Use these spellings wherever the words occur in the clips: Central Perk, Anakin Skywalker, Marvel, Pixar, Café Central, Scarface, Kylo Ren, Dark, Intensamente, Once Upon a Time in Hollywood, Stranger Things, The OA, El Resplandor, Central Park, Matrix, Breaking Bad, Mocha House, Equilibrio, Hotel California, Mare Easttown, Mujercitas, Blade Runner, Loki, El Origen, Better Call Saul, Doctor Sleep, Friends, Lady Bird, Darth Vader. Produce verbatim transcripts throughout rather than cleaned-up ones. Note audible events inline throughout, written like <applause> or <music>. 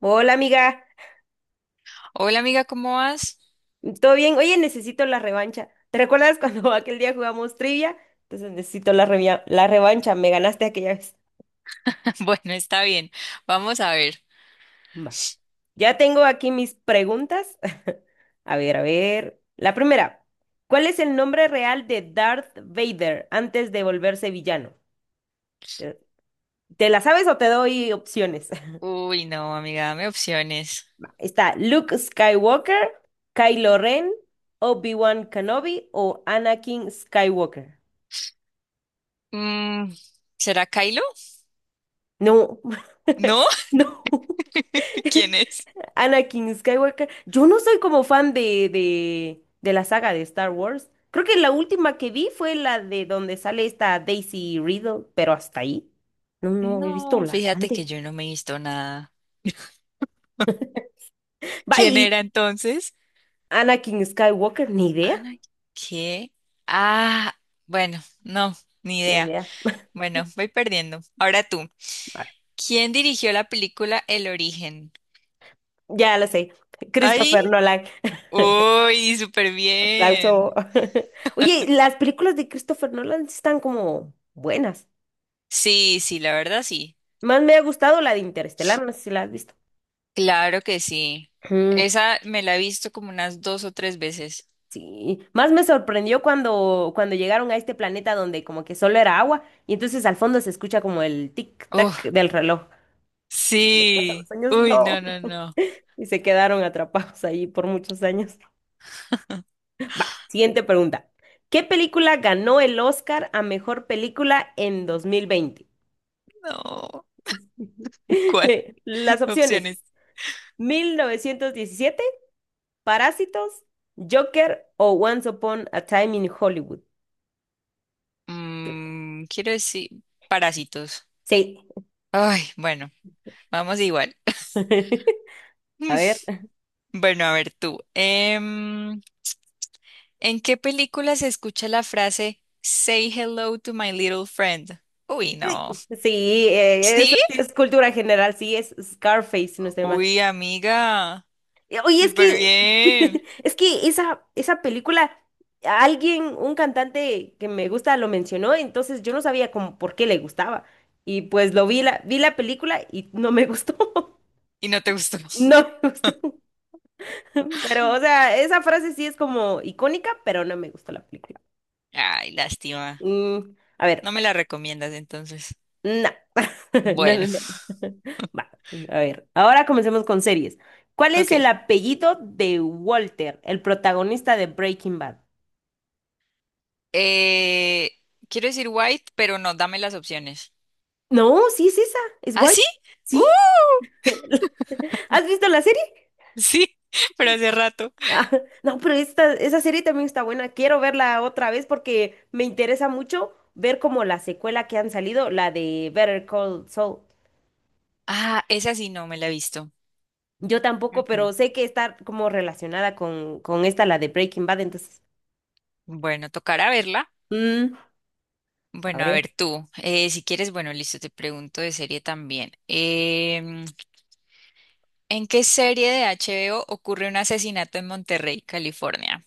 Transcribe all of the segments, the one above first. Hola amiga, Hola amiga, ¿cómo vas? ¿todo bien? Oye, necesito la revancha. ¿Te recuerdas cuando <laughs> aquel día jugamos trivia? Entonces necesito la revia- la revancha, me ganaste aquella vez. <laughs> Bueno, está bien. Vamos a ver. Va. Ya tengo aquí mis preguntas. <laughs> A ver, a ver. La primera, ¿cuál es el nombre real de Darth Vader antes de volverse villano? ¿Te, te la sabes o te doy opciones? Uy, no, amiga, dame opciones. <laughs> Está Luke Skywalker, Kylo Ren, Obi-Wan Kenobi o Anakin Skywalker. Mm, ¿Será Kylo? No, ¿No? <laughs> no. <laughs> <laughs> ¿Quién es? Anakin Skywalker. Yo no soy como fan de, de, de la saga de Star Wars. Creo que la última que vi fue la de donde sale esta Daisy Riddle, pero hasta ahí. No, no, he visto No, las fíjate que antes. yo no me he visto nada. ¿Quién Bye, era entonces? Anakin Skywalker, ni idea, Ana, ¿qué? Ah, bueno, no, ni ni idea. idea. Bueno, voy perdiendo. Ahora tú. Ay, ¿Quién dirigió la película El Origen? ya la sé. ¡Ay! Christopher Nolan. <laughs> ¡Uy, súper bien! Aplauso. <laughs> Oye, las películas de Christopher Nolan sí están como buenas. Sí, sí, la verdad sí. Más me ha gustado la de Interestelar, no sé si la has visto. Claro que sí. <clears throat> Ujú. Esa me la he visto como unas dos o tres veces. Sí, más me sorprendió cuando, cuando llegaron a este planeta donde como que solo era agua y entonces al fondo se escucha como el tic-tac Oh, del reloj. Donde pasan los sí. años, Uy, no. no, no, no. Y se quedaron atrapados ahí por muchos años. Va, siguiente pregunta. ¿Qué película ganó el Oscar a mejor película en dos mil veinte? No. ¿Cuál? <laughs> <laughs> Las opciones: Opciones. Mil novecientos diecisiete. Parásitos, Joker o Once Upon a Time in Hollywood. Mm, quiero decir, parásitos. Sí. Ay, bueno, vamos igual. <laughs> A ver. <laughs> Bueno, a ver tú. Em, ¿en qué película se escucha la frase Say hello to my little friend? Uy, no. Sí, eh, eso ¿Sí? sí es cultura general, sí, es Scarface, si no estoy mal. Uy, amiga. Eh, Oye, es Súper que, <laughs> bien. es que esa, esa película, alguien, un cantante que me gusta lo mencionó, entonces yo no sabía como por qué le gustaba. Y pues lo vi la, vi la película y no me gustó. <laughs> ¿Y no te gustó? <laughs> No me gustó. <laughs> Pero, o sea, esa frase sí es como icónica, pero no me gustó la película. Ay, lástima. Mm, a ver, No me la recomiendas entonces. no. <laughs> No, Bueno, no, no. <laughs> Va, a ver, ahora comencemos con series. ¿Cuál <laughs> es el ok. apellido de Walter, el protagonista de Breaking Bad? Eh, Quiero decir white, pero no, dame las opciones. No, sí es esa, es ¿Ah, White. sí? ¡Uh! ¿Sí? ¿Has visto la serie? Sí, <laughs> pero hace rato. Ah, <laughs> no, pero esta, esa serie también está buena. Quiero verla otra vez porque me interesa mucho ver como la secuela que han salido, la de Better Call Saul. Ah, esa sí no me la he visto. Yo tampoco, Ujú. pero sé que está como relacionada con, con esta, la de Breaking Bad, entonces. Bueno, tocará verla. mm, a Bueno, a ver. ver tú, eh, si quieres, bueno, listo, te pregunto de serie también. Em, ¿en qué serie de H B O ocurre un asesinato en Monterrey, California?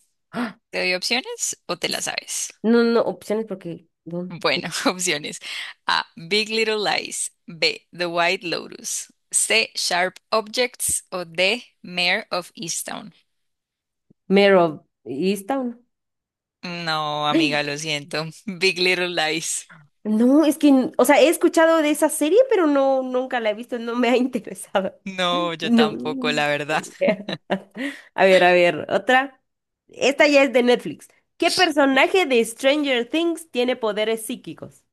¿Te doy opciones o te la S- sabes? No, no, opciones porque ¿dónde? Bueno, <laughs> opciones. A. Big Little Lies. B. The White Lotus. C. Sharp Objects. O D. Mayor of Easttown. Mero Easttown. No, amiga, ¡Ay! lo siento. <laughs> Big Little Lies. No, es que, n- o sea, he escuchado de esa serie, pero no, nunca la he visto, no me ha interesado. No, yo No. tampoco, la verdad. <laughs> A ver, a ver, otra. Esta ya es de Netflix. ¿Qué <laughs> personaje de Stranger Things tiene poderes psíquicos?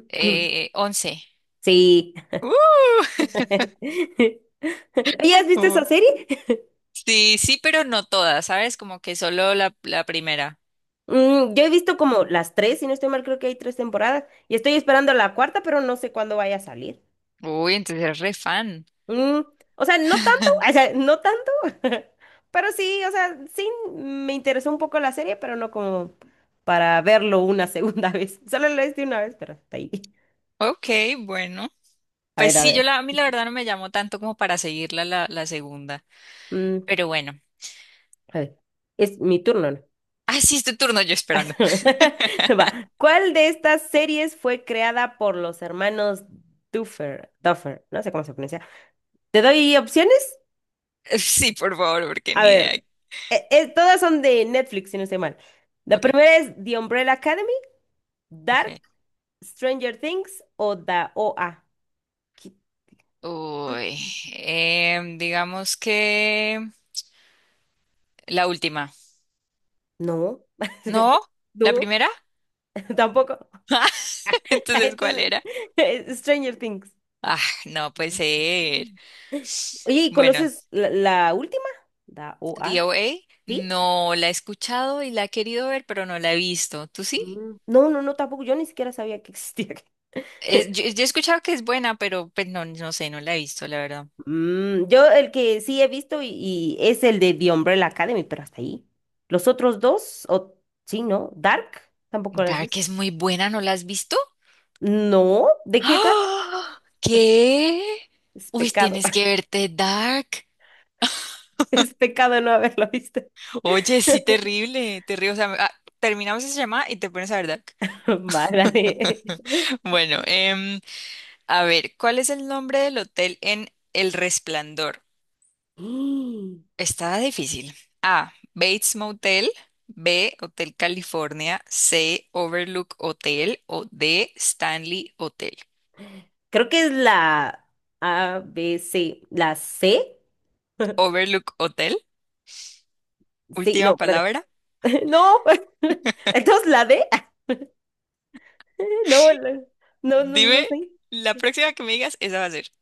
<clears throat> Eh, once. Sí. ¡Uh! <laughs> <laughs> ¿Ya has visto esa Oh. serie? Sí, sí, pero no todas, ¿sabes? Como que solo la, la primera. Mm, yo he visto como las tres, si no estoy mal, creo que hay tres temporadas y estoy esperando la cuarta, pero no sé cuándo vaya a salir. Uy, entonces eres re fan. Mm, o sea, no tanto, <laughs> o sea, no tanto, <laughs> pero sí, o sea, sí me interesó un poco la serie, pero no como para verlo una segunda <laughs> vez. Solo lo hice una vez, pero está ahí. Ok, bueno. A Pues ver, a sí, yo ver. la, a mí la verdad no me llamó tanto como para seguirla la, la segunda. Mm, Pero bueno. a ver. Es mi turno, ¿no? Ah, sí, es tu turno yo esperando. <laughs> <laughs> Va. ¿Cuál de estas series fue creada por los hermanos Duffer? Duffer, no sé cómo se pronuncia. ¿Te doy opciones? Sí, por favor, porque A ni idea. ver. Eh, eh, todas son de Netflix, si no estoy mal. La Ok, primera es The Umbrella Academy. Dark. ok. Stranger Things o da O A. ¿Qué? Uy, em, digamos que la última. No, <laughs> ¿No? ¿La no, primera? <laughs> tampoco. <laughs> <laughs> Entonces, ¿cuál Entonces, era? <laughs> Stranger Things. Ah, Ay, no puede no sabía. ser. Oye, ¿y Bueno, conoces la, la última? Da a, D O A ¿sí? no la he escuchado y la he querido ver, pero no la he visto. ¿Tú sí? Mm. No, no, no, tampoco. Yo ni siquiera sabía que existía. Es- yo, <laughs> yo he escuchado que es buena, pero pues, no, no sé, no la he visto, la verdad. Mm, yo el que sí he visto y, y es el de The Umbrella Academy, pero hasta ahí. Los otros dos, o sí, ¿no? Dark, tampoco lo has Dark visto. es muy buena, ¿no la has visto? No, <gasps> ¿de qué trata? ¡Ah! ¿Qué? Es Uy, pecado, tienes que <laughs> verte Dark. es pecado no haberlo visto. Oye, sí, terrible, terrible. O sea, ah, terminamos esa llamada y te pones a ver Dark. <laughs> Vale. <laughs> Bueno, em, a ver, ¿cuál es el nombre del hotel en El Resplandor? Mm, Está difícil. A. Bates Motel. B. Hotel California. C. Overlook Hotel. O D. Stanley Hotel. <gasps> Creo que es la A, B, C. ¿La C? Overlook Hotel. Sí, no, Última espérate. palabra. <laughs> No. <laughs> Entonces, ¿la D? <laughs> No, la- no, no, no Dime, sé. la próxima que me digas, esa va a ser.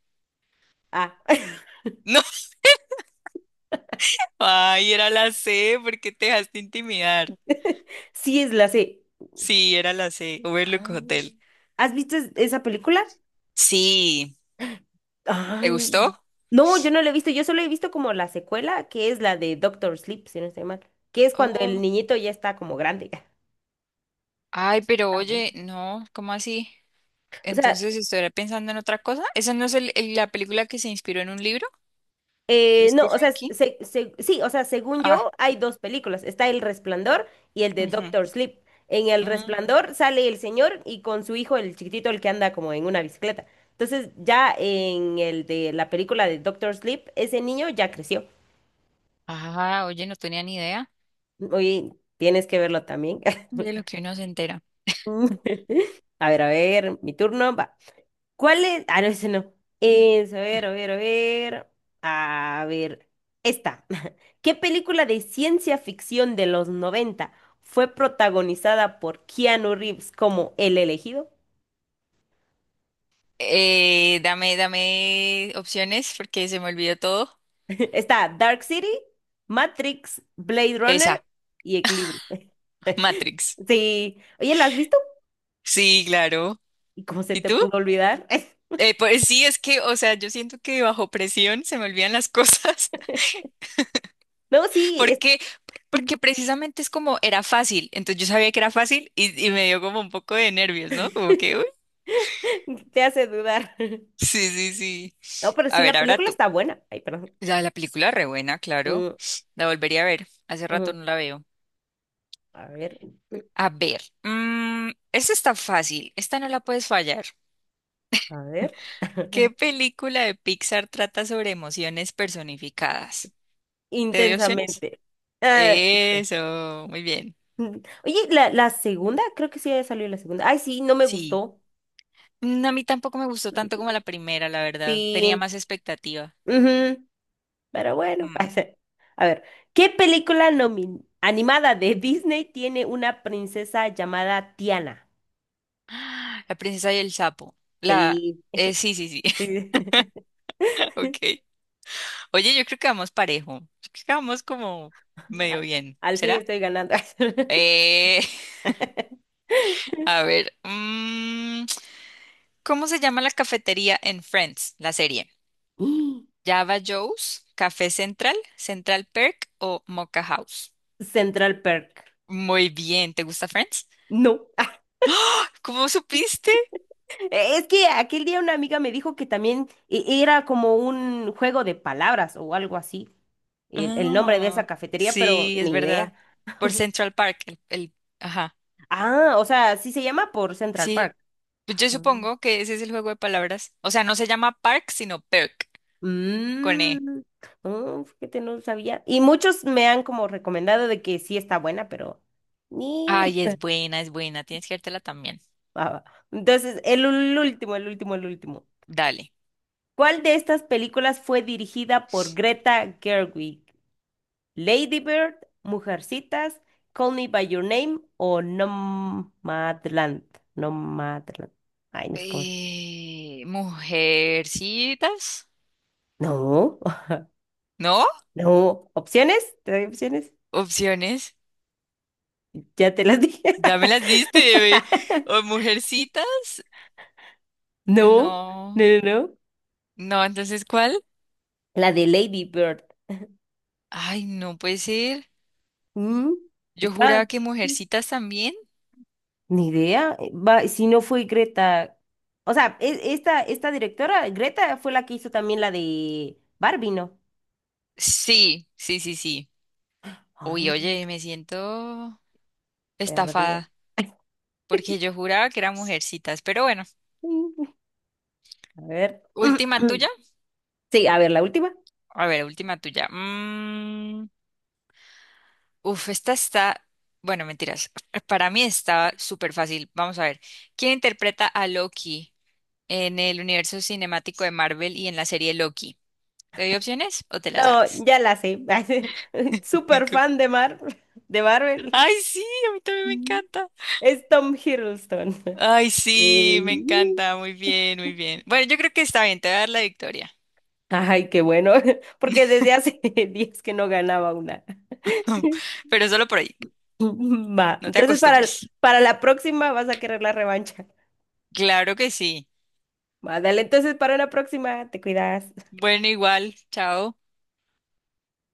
Ah, <laughs> Ay, era la C, ¿por qué te dejaste intimidar? <laughs> sí es la C. Sí, era la C, Ah. Overlook Hotel. ¿Has visto es- esa película? Sí, ¿te Ay, gustó? no, yo no la he visto. Yo solo he visto como la secuela, que es la de Doctor Sleep, si no estoy mal. Que es cuando el Oh, niñito ya está como grande. <laughs> ay, pero Está buena. oye, no, ¿cómo así? O sea, Entonces, ¿estuviera pensando en otra cosa? ¿Esa no es el- el- la película que se inspiró en un libro de Eh, no, o sea, Stephen King? se- se- sí, o sea, según Ah, yo, hay dos películas. Está El Resplandor y el de ujú, Doctor Sleep. En El mm. Resplandor sale el señor y con su hijo, el chiquitito, el que anda como en una bicicleta. Entonces, ya en el de la película de Doctor Sleep, ese niño ya creció. Ah, oye, no tenía ni idea Oye, tienes que verlo también. de lo que uno se entera. <laughs> A ver, a ver, mi turno va. ¿Cuál es? Ah, no, ese no. Es, a ver, a ver, a ver. A ver. Esta. <laughs> ¿Qué película de ciencia ficción de los noventa fue protagonizada por Keanu Reeves como el elegido? Eh, dame, dame opciones porque se me olvidó todo. <laughs> Está Dark City, Matrix, Blade Runner Esa, y Equilibrio. <laughs> Matrix. Sí. Oye, ¿la has visto? Sí, claro. ¿Y cómo se ¿Y te tú? pudo olvidar? <laughs> Eh, pues sí, es que, o sea, yo siento que bajo presión se me olvidan las cosas, No, <laughs> sí, es- porque, porque precisamente es como era fácil, entonces yo sabía que era fácil y, y me dio como un poco de nervios, ¿no? Como que, uy, <laughs> te hace dudar. <laughs> sí, sí, sí. No, pero A sí, ver, la ahora película tú. está buena. Ay, perdón. La, la película re buena, claro. Mm, La volvería a ver. Hace mm. rato no la veo. A ver, A ver, mm, esta está fácil, esta no la puedes fallar. a ver. ¿Qué <laughs> película de Pixar trata sobre emociones personificadas? ¿Te doy opciones? Intensamente. Ah, <laughs> inten- Eso, muy bien. Mm. Oye, la, la segunda, creo que sí había salido la segunda. Ay, sí, no me Sí. gustó. No. A mí tampoco me gustó tanto Mm, como la primera, la verdad. Tenía sí, más expectativa. ujú, pero bueno. <laughs> Mm. pasa. A ver, ¿qué película nomin- animada de Disney tiene una princesa llamada Tiana? <gasps> La princesa y el sapo. La... Sí, eh, sí, sí, sí. sí. <laughs> <laughs> Ok. Oye, yo creo que vamos parejo. Yo creo que vamos como medio Al, bien. al fin ¿Será? estoy ganando. Eh, <laughs> <laughs> a ver. mm, ¿cómo se llama la cafetería en Friends, la serie? ¿Java Joe's, Café Central, Central Perk o Mocha House? Central Perk. Muy bien. ¿Te gusta Friends? No. <laughs> ¿Cómo supiste? Eh, Es que aquel día una amiga me dijo que también e- era como un juego de palabras o algo así, el, el nombre de esa Ah, cafetería, pero sí, es ni verdad. idea. Por Central Park, el, el- ajá. Ah, o sea, sí se llama por Central Sí, Park. pues yo Ah. supongo que ese es el juego de palabras. O sea, no se llama Park, sino Perk, con E. Mm, oh, fíjate, no sabía. Y muchos me han como recomendado de que sí está buena, pero ni... Ay, es <laughs> buena, es buena. Tienes que dártela también. Ah, entonces, el, ul- último, el último, el último. Dale. ¿Cuál de estas películas fue dirigida por Greta Gerwig? Lady Bird, Mujercitas, Call Me by Your Name o Nomadland. Nomadland. Ay, no sé cómo es. Eh, Mujercitas, No, ¿no? <laughs> no. ¿Opciones? ¿Te doy opciones? Opciones. Ya te las dije. Ya me las diste, bebé. <laughs> O mujercitas. No, No, no, no, no. no, entonces, ¿cuál? La de Lady Bird. Ay, no puede ser. Mm, Yo Está, juraba que mujercitas también. ni idea. Eh, Va, si no fue Greta. O sea, e- esta, esta directora, Greta, fue la que hizo también la de Barbie, ¿no? Sí, sí, sí, sí. Ah, Uy, oye, me siento perdida. estafada porque yo juraba que eran mujercitas, pero bueno, <laughs> A ver. última tuya. <clears throat> Sí, a ver, la última. A ver, última tuya. Mm, uf, esta está, bueno, mentiras. <laughs> Para mí estaba súper fácil. Vamos a ver. ¿Quién interpreta a Loki en el universo cinemático de Marvel y en la serie Loki? ¿Te doy opciones o te la No, sabes? ya la sé. <laughs> Super <laughs> fan de Mar, de Marvel. Ay, sí, a mí también me Mm. encanta. Es Tom Hiddleston. Ay, Eh, sí, me encanta. Muy bien, muy bien. Bueno, yo creo que está bien, te voy a dar la victoria. Ay, qué bueno, <laughs> porque desde hace <laughs> días que no ganaba una. <laughs> Pero solo por ahí. <laughs> Va, No te entonces para, acostumbres. para la próxima vas a querer la revancha. Claro que sí. Va, dale, entonces para una próxima, te cuidas. Bueno, igual. Chao.